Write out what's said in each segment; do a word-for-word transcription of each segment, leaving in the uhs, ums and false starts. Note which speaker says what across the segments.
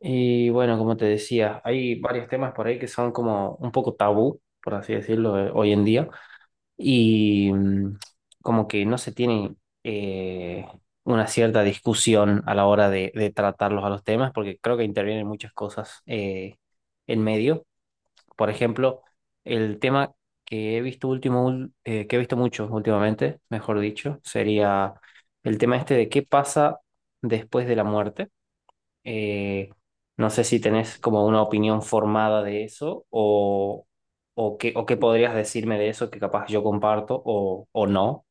Speaker 1: Y bueno, como te decía, hay varios temas por ahí que son como un poco tabú, por así decirlo, eh, hoy en día, y mm, como que no se tiene eh, una cierta discusión a la hora de, de tratarlos a los temas, porque creo que intervienen muchas cosas eh, en medio. Por ejemplo, el tema que he visto último, ul- eh, que he visto mucho últimamente, mejor dicho, sería el tema este de qué pasa después de la muerte. eh, no sé si tenés como una opinión formada de eso o, o qué, o qué podrías decirme de eso que capaz yo comparto o, o no.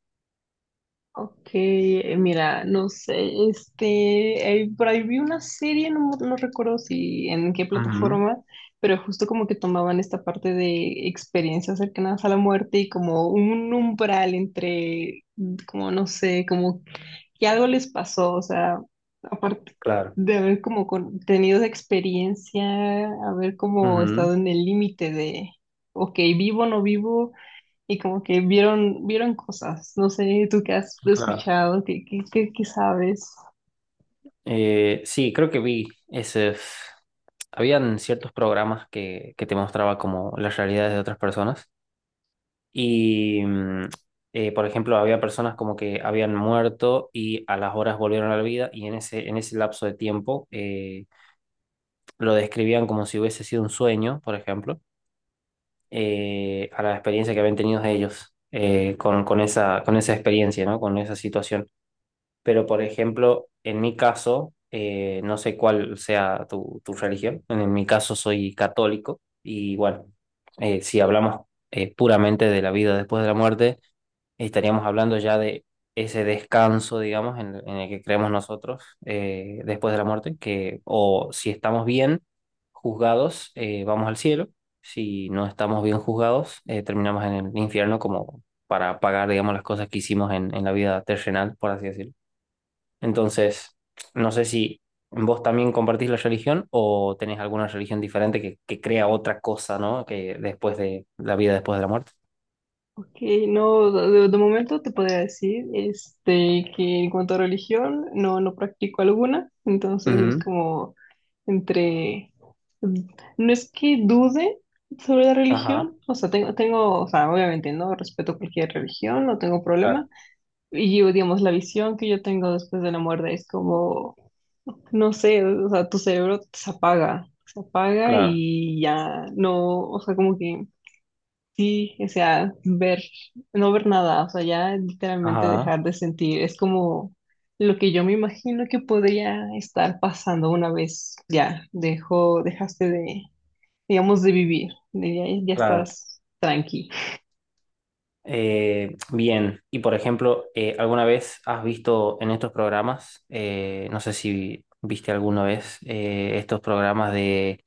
Speaker 2: Ok, eh, mira, no sé, este, eh, por ahí vi una serie, no, no recuerdo si en qué
Speaker 1: Ujú.
Speaker 2: plataforma, pero justo como que tomaban esta parte de experiencias cercanas a la muerte y como un umbral entre, mm, como no sé, como que algo les pasó, o sea, aparte
Speaker 1: Claro.
Speaker 2: de haber como con- tenido esa experiencia, haber como
Speaker 1: Ujú.
Speaker 2: estado en el límite de, ok, vivo, no vivo y como que vieron, vieron cosas. No sé, tú qué has
Speaker 1: Claro.
Speaker 2: escuchado, qué, qué, qué, qué sabes.
Speaker 1: Eh, sí, creo que vi ese... Habían ciertos programas que, que te mostraba como las realidades de otras personas y, mm, eh, por ejemplo, había personas como que habían muerto y a las horas volvieron a la vida y en ese, en ese lapso de tiempo eh, lo describían como si hubiese sido un sueño, por ejemplo, eh, a la experiencia que habían tenido ellos eh, con, con esa, con esa experiencia, ¿no? Con esa situación. Pero, por ejemplo, en mi caso, eh, no sé cuál sea tu, tu religión, en mi caso soy católico y bueno, eh, si hablamos eh, puramente de la vida después de la muerte, estaríamos hablando ya de ese descanso, digamos, en, en el que creemos nosotros eh, después de la muerte, que o si estamos bien juzgados, eh, vamos al cielo, si no estamos bien juzgados, eh, terminamos en el infierno como para pagar, digamos, las cosas que hicimos en, en la vida terrenal, por así decirlo. Entonces, no sé si vos también compartís la religión o tenés alguna religión diferente que, que crea otra cosa, ¿no? Que después de la vida después de la muerte.
Speaker 2: Ok, no, de, de momento te podría decir este, que en cuanto a religión, no, no practico alguna, entonces es
Speaker 1: Ujú.
Speaker 2: como entre, mm, no es que dude sobre la
Speaker 1: Ajá,
Speaker 2: religión, o sea, tengo, tengo, o sea, obviamente, ¿no? Respeto cualquier religión, no tengo problema,
Speaker 1: claro,
Speaker 2: y yo digamos, la visión que yo tengo después de la muerte es como. No sé, o sea, tu cerebro se apaga, se apaga
Speaker 1: claro.
Speaker 2: y ya no, o sea, como que sí, o sea, ver, no ver nada, o sea, ya literalmente
Speaker 1: Ajá,
Speaker 2: dejar de sentir, es como lo que yo me imagino que podría estar pasando una vez ya dejó, dejaste de, digamos, de vivir, de ya, ya
Speaker 1: claro.
Speaker 2: estás tranqui.
Speaker 1: Eh, bien, y por ejemplo, eh, ¿alguna vez has visto en estos programas, eh, no sé si viste alguna vez eh, estos programas de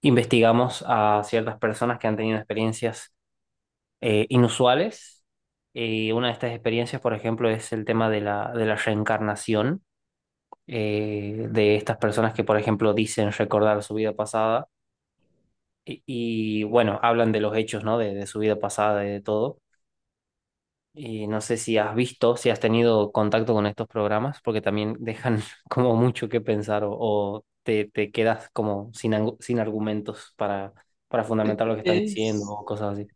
Speaker 1: investigamos a ciertas personas que han tenido experiencias eh, inusuales? Eh, una de estas experiencias, por ejemplo, es el tema de la, de la reencarnación, eh, de estas personas que, por ejemplo, dicen recordar su vida pasada y, y, bueno, hablan de los hechos, ¿no? De, de su vida pasada y de todo. Y no sé si has visto, si has tenido contacto con estos programas, porque también dejan como mucho que pensar o, o te, te quedas como sin, angu- sin argumentos para, para fundamentar lo que están diciendo
Speaker 2: Es.
Speaker 1: o cosas así.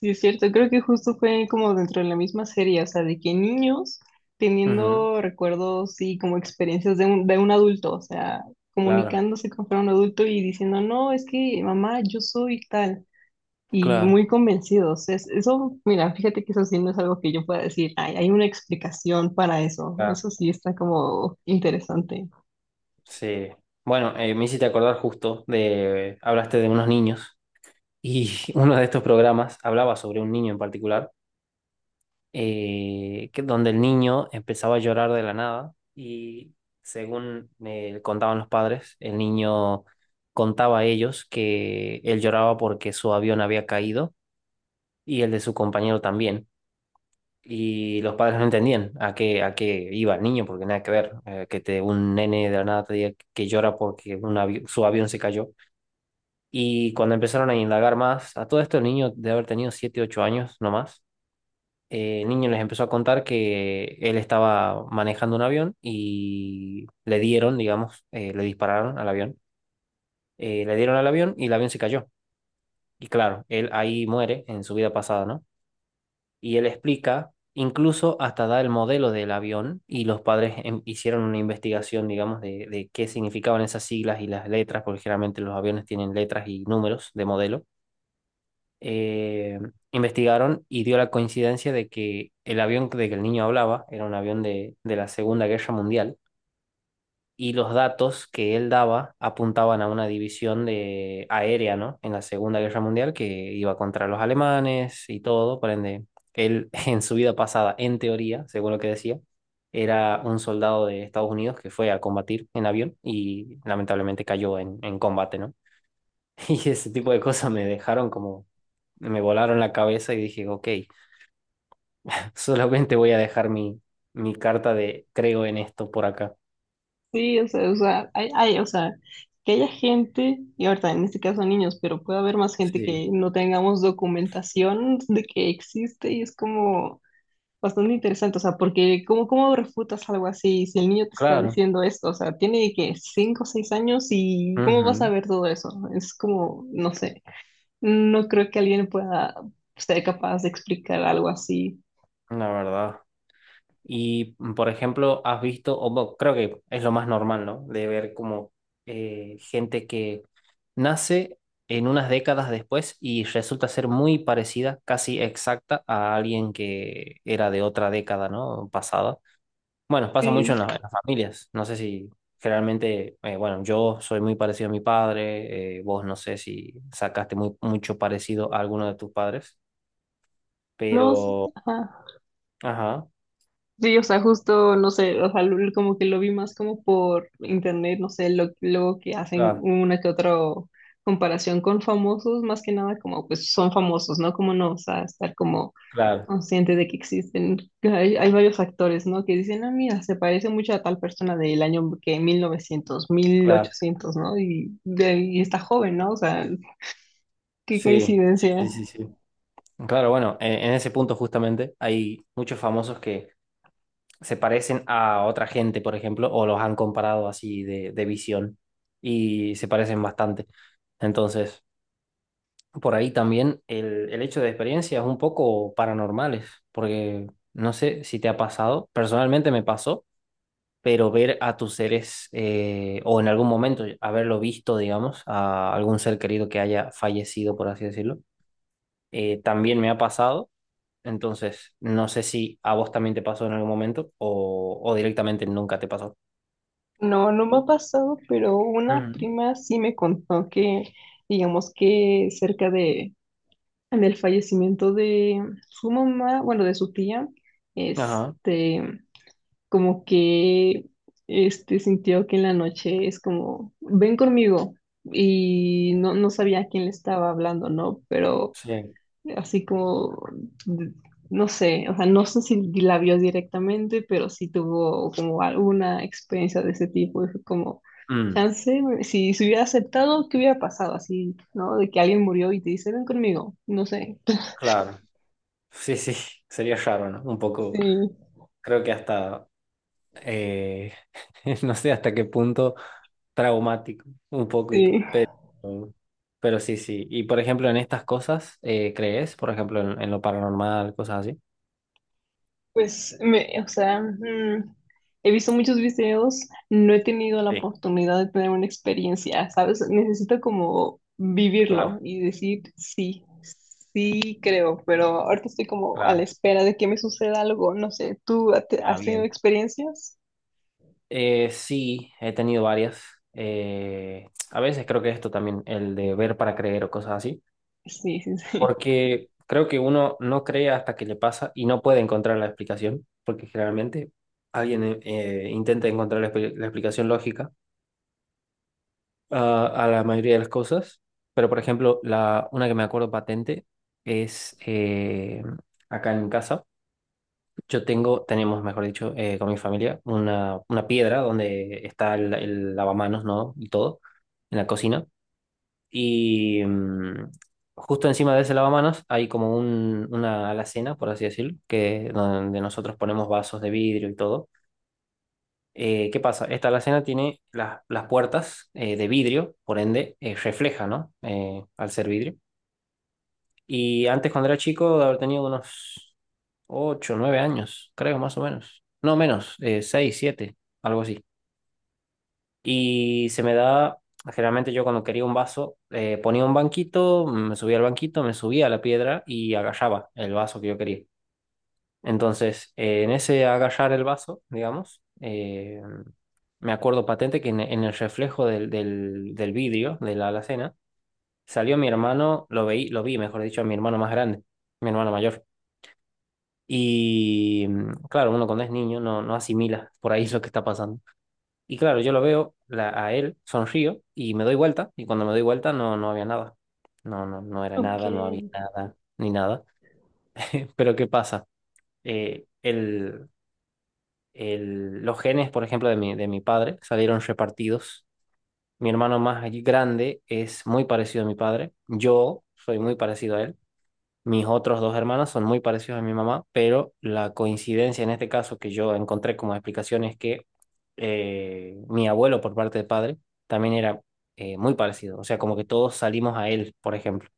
Speaker 2: Sí, es cierto, creo que justo fue como dentro de la misma serie, o sea, de que niños
Speaker 1: Ujú.
Speaker 2: teniendo recuerdos y como experiencias de un, de un adulto, o sea,
Speaker 1: Claro,
Speaker 2: comunicándose con fuera un adulto y diciendo, no, es que mamá, yo soy tal, y
Speaker 1: claro,
Speaker 2: muy convencidos. Es, eso, mira, fíjate que eso sí no es algo que yo pueda decir, hay, hay una explicación para eso,
Speaker 1: claro.
Speaker 2: eso sí está como interesante.
Speaker 1: Sí. Bueno, eh, me hiciste acordar justo de, hablaste de unos niños y uno de estos programas hablaba sobre un niño en particular eh, que, donde el niño empezaba a llorar de la nada y según me contaban los padres, el niño contaba a ellos que él lloraba porque su avión había caído y el de su compañero también. Y los padres no entendían a qué, a qué iba el niño, porque nada que ver, eh, que te, un nene de la nada te diga que llora porque un avi- su avión se cayó. Y cuando empezaron a indagar más, a todo esto el niño de haber tenido siete ocho años, no más eh, el niño les empezó a contar que él estaba manejando un avión y le dieron, digamos, eh, le dispararon al avión. Eh, le dieron al avión y el avión se cayó. Y claro, él ahí muere en su vida pasada, ¿no? Y él explica, incluso hasta da el modelo del avión y los padres em- hicieron una investigación, digamos, de, de qué significaban esas siglas y las letras, porque generalmente los aviones tienen letras y números de modelo. eh, Investigaron y dio la coincidencia de que el avión de que el niño hablaba era un avión de, de la Segunda Guerra Mundial y los datos que él daba apuntaban a una división de aérea, ¿no? En la Segunda Guerra Mundial que iba contra los alemanes y todo, por ende, él en su vida pasada, en teoría, según lo que decía, era un soldado de Estados Unidos que fue a combatir en avión y lamentablemente cayó en, en combate, ¿no? Y ese tipo de cosas me dejaron como, me volaron la cabeza y dije, ok, solamente voy a dejar mi, mi carta de creo en esto por acá.
Speaker 2: Sí, o sea, o sea, hay, hay, o sea, que haya gente, y ahorita en este caso niños, pero puede haber más gente
Speaker 1: Sí.
Speaker 2: que no tengamos documentación de que existe y es como bastante interesante, o sea, porque ¿cómo, cómo refutas algo así si el niño te está
Speaker 1: Claro,
Speaker 2: diciendo esto? O sea, tiene que cinco o seis años y ¿cómo vas a
Speaker 1: ujú.
Speaker 2: ver todo eso? Es como, no sé, no creo que alguien pueda ser capaz de explicar algo así.
Speaker 1: La verdad. Y, mm, por ejemplo, has visto, o bueno, creo que es lo más normal, ¿no? De ver como eh, gente que nace en unas décadas después y resulta ser muy parecida, casi exacta, a alguien que era de otra década, ¿no? Pasada. Bueno, pasa
Speaker 2: Sí.
Speaker 1: mucho en, la- en las familias. No sé si generalmente, eh, bueno, yo soy muy parecido a mi padre, eh, vos no sé si sacaste muy, mucho parecido a alguno de tus padres,
Speaker 2: No, sí,
Speaker 1: pero...
Speaker 2: ajá.
Speaker 1: Ajá,
Speaker 2: Sí, o sea, justo, no sé, o sea, lo- como que lo vi más como por internet, no sé, lo, luego que hacen
Speaker 1: claro,
Speaker 2: una que otra comparación con famosos, más que nada como, pues, son famosos, ¿no? Como no, o sea, estar como
Speaker 1: claro,
Speaker 2: consciente de que existen, que hay, hay varios actores, ¿no? Que dicen, ah, mira, se parece mucho a tal persona del año que mil novecientos mil
Speaker 1: claro.
Speaker 2: ochocientos, ¿no? Y, de, y está joven, ¿no? O sea, qué
Speaker 1: Sí,
Speaker 2: coincidencia.
Speaker 1: sí, sí, sí, sí. Claro, bueno, en, en ese punto justamente hay muchos famosos que se parecen a otra gente, por ejemplo, o los han comparado así de, de visión y se parecen bastante. Entonces... por ahí también el, el hecho de experiencias un poco paranormales, porque no sé si te ha pasado, personalmente me pasó, pero ver a tus seres eh, o en algún momento haberlo visto, digamos, a algún ser querido que haya fallecido, por así decirlo, eh, también me ha pasado. Entonces, no sé si a vos también te pasó en algún momento o, o directamente nunca te pasó.
Speaker 2: No, no me ha pasado, pero una
Speaker 1: Ujú.
Speaker 2: prima sí me contó que, digamos que cerca de, en el fallecimiento de su mamá, bueno, de su tía,
Speaker 1: Ajá,
Speaker 2: este, como que, este, sintió que en la noche es como, ven conmigo, y no, no sabía a quién le estaba hablando, ¿no? Pero
Speaker 1: sí.
Speaker 2: así como, de- no sé, o sea, no sé si la vio directamente, pero sí tuvo como alguna experiencia de ese tipo, y fue como,
Speaker 1: Mm,
Speaker 2: chance, si se hubiera aceptado, ¿qué hubiera pasado? Así, ¿no? De que alguien murió y te dice, ven conmigo, no sé.
Speaker 1: claro. Sí, sí, sería raro, ¿no? Un poco,
Speaker 2: Sí,
Speaker 1: creo que hasta eh, no sé hasta qué punto traumático, un poquito,
Speaker 2: sí.
Speaker 1: pero, pero sí, sí. Y por ejemplo, en estas cosas, eh, ¿crees? Por ejemplo, en, en lo paranormal, cosas así.
Speaker 2: Pues, me, o sea, mm, he visto muchos videos, no he tenido la
Speaker 1: Sí,
Speaker 2: oportunidad de tener una experiencia, ¿sabes? Necesito como
Speaker 1: claro,
Speaker 2: vivirlo y decir sí, sí creo, pero ahorita estoy como a la
Speaker 1: claro.
Speaker 2: espera de que me suceda algo, no sé, ¿tú ha- te-
Speaker 1: Ah,
Speaker 2: has tenido
Speaker 1: bien.
Speaker 2: experiencias?
Speaker 1: Eh, sí, he tenido varias. Eh, a veces creo que esto también, el de ver para creer o cosas así,
Speaker 2: Sí, sí, sí.
Speaker 1: porque creo que uno no cree hasta que le pasa y no puede encontrar la explicación, porque generalmente alguien eh, intenta encontrar la expli- la explicación lógica a a la mayoría de las cosas, pero por ejemplo, la, una que me acuerdo patente es eh, acá en casa. Yo tengo, tenemos, mejor dicho, eh, con mi familia, una, una piedra donde está el, el lavamanos, ¿no? Y todo, en la cocina. Y mm, justo encima de ese lavamanos hay como un, una alacena, por así decirlo, que, donde nosotros ponemos vasos de vidrio y todo. Eh, ¿qué pasa? Esta alacena tiene la- las puertas eh, de vidrio, por ende eh, refleja, ¿no? Eh, al ser vidrio. Y antes, cuando era chico, de haber tenido unos ocho nueve años, creo, más o menos. No menos, eh, seis siete algo así. Y se me da, generalmente yo cuando quería un vaso, eh, ponía un banquito, me subía al banquito, me subía a la piedra y agarraba el vaso que yo quería. Entonces, eh, en ese agarrar el vaso, digamos, eh, me acuerdo patente que en, en el reflejo del, del, del vidrio de la alacena salió mi hermano, lo veí, lo vi, mejor dicho, a mi hermano más grande, mi hermano mayor. Y mm, claro, uno cuando es niño no, no asimila por ahí lo que está pasando. Y claro, yo lo veo la- a él, sonrío y me doy vuelta. Y cuando me doy vuelta no, no había nada. No, no, no era
Speaker 2: Ok,
Speaker 1: nada, no había nada, ni nada. Pero ¿qué pasa? Eh, el, el- los genes, por ejemplo, de mi, de mi padre salieron repartidos. Mi hermano más allí grande es muy parecido a mi padre. Yo soy muy parecido a él. Mis otros dos hermanos son muy parecidos a mi mamá, pero la coincidencia en este caso que yo encontré como explicación es que eh, mi abuelo por parte de padre también era eh, muy parecido. O sea, como que todos salimos a él, por ejemplo.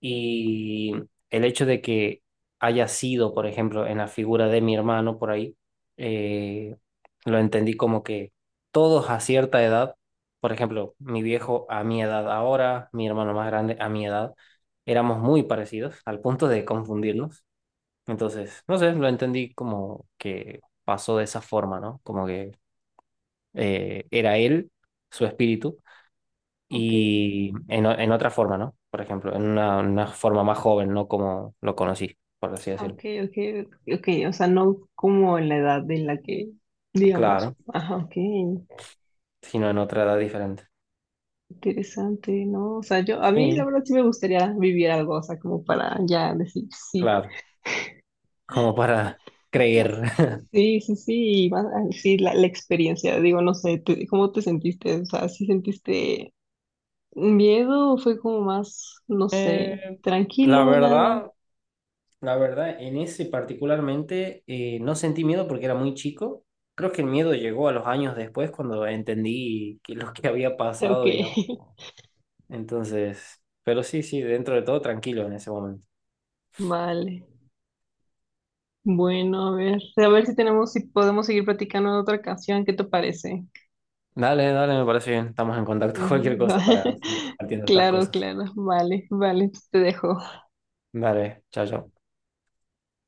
Speaker 1: Y el hecho de que haya sido, por ejemplo, en la figura de mi hermano por ahí, eh, lo entendí como que todos a cierta edad, por ejemplo, mi viejo a mi edad ahora, mi hermano más grande a mi edad, éramos muy parecidos al punto de confundirnos. Entonces, no sé, lo entendí como que pasó de esa forma, ¿no? Como que eh, era él, su espíritu
Speaker 2: ok,
Speaker 1: y en, o- en otra forma, ¿no? Por ejemplo, en una, una forma más joven, no como lo conocí, por así
Speaker 2: ok,
Speaker 1: decirlo.
Speaker 2: ok, ok, o sea, no como en la edad de la que, digamos,
Speaker 1: Claro,
Speaker 2: ajá, ok.
Speaker 1: sino en otra edad diferente.
Speaker 2: Interesante, ¿no? O sea, yo, a mí la
Speaker 1: Sí,
Speaker 2: verdad sí me gustaría vivir algo, o sea, como para ya decir sí.
Speaker 1: claro, como para creer.
Speaker 2: Así, sí, sí, sí, y más, ah, sí, la, la experiencia, digo, no sé, te- ¿cómo te sentiste? O sea, ¿sí sentiste miedo o fue como más, no
Speaker 1: Eh,
Speaker 2: sé,
Speaker 1: la
Speaker 2: tranquilo, nada?
Speaker 1: verdad, la verdad, en ese particularmente eh, no sentí miedo porque era muy chico. Creo que el miedo llegó a los años después cuando entendí que lo que había
Speaker 2: Ok,
Speaker 1: pasado, digamos. Entonces, pero sí, sí, dentro de todo tranquilo en ese momento.
Speaker 2: vale. Bueno, a ver, a ver si tenemos, si podemos seguir platicando en otra ocasión, ¿qué te parece?
Speaker 1: Dale, dale, me parece bien. Estamos en contacto. Cualquier
Speaker 2: Ujú.
Speaker 1: cosa para seguir compartiendo estas
Speaker 2: Claro,
Speaker 1: cosas.
Speaker 2: claro, vale, vale, te dejo.
Speaker 1: Dale, chao, chao.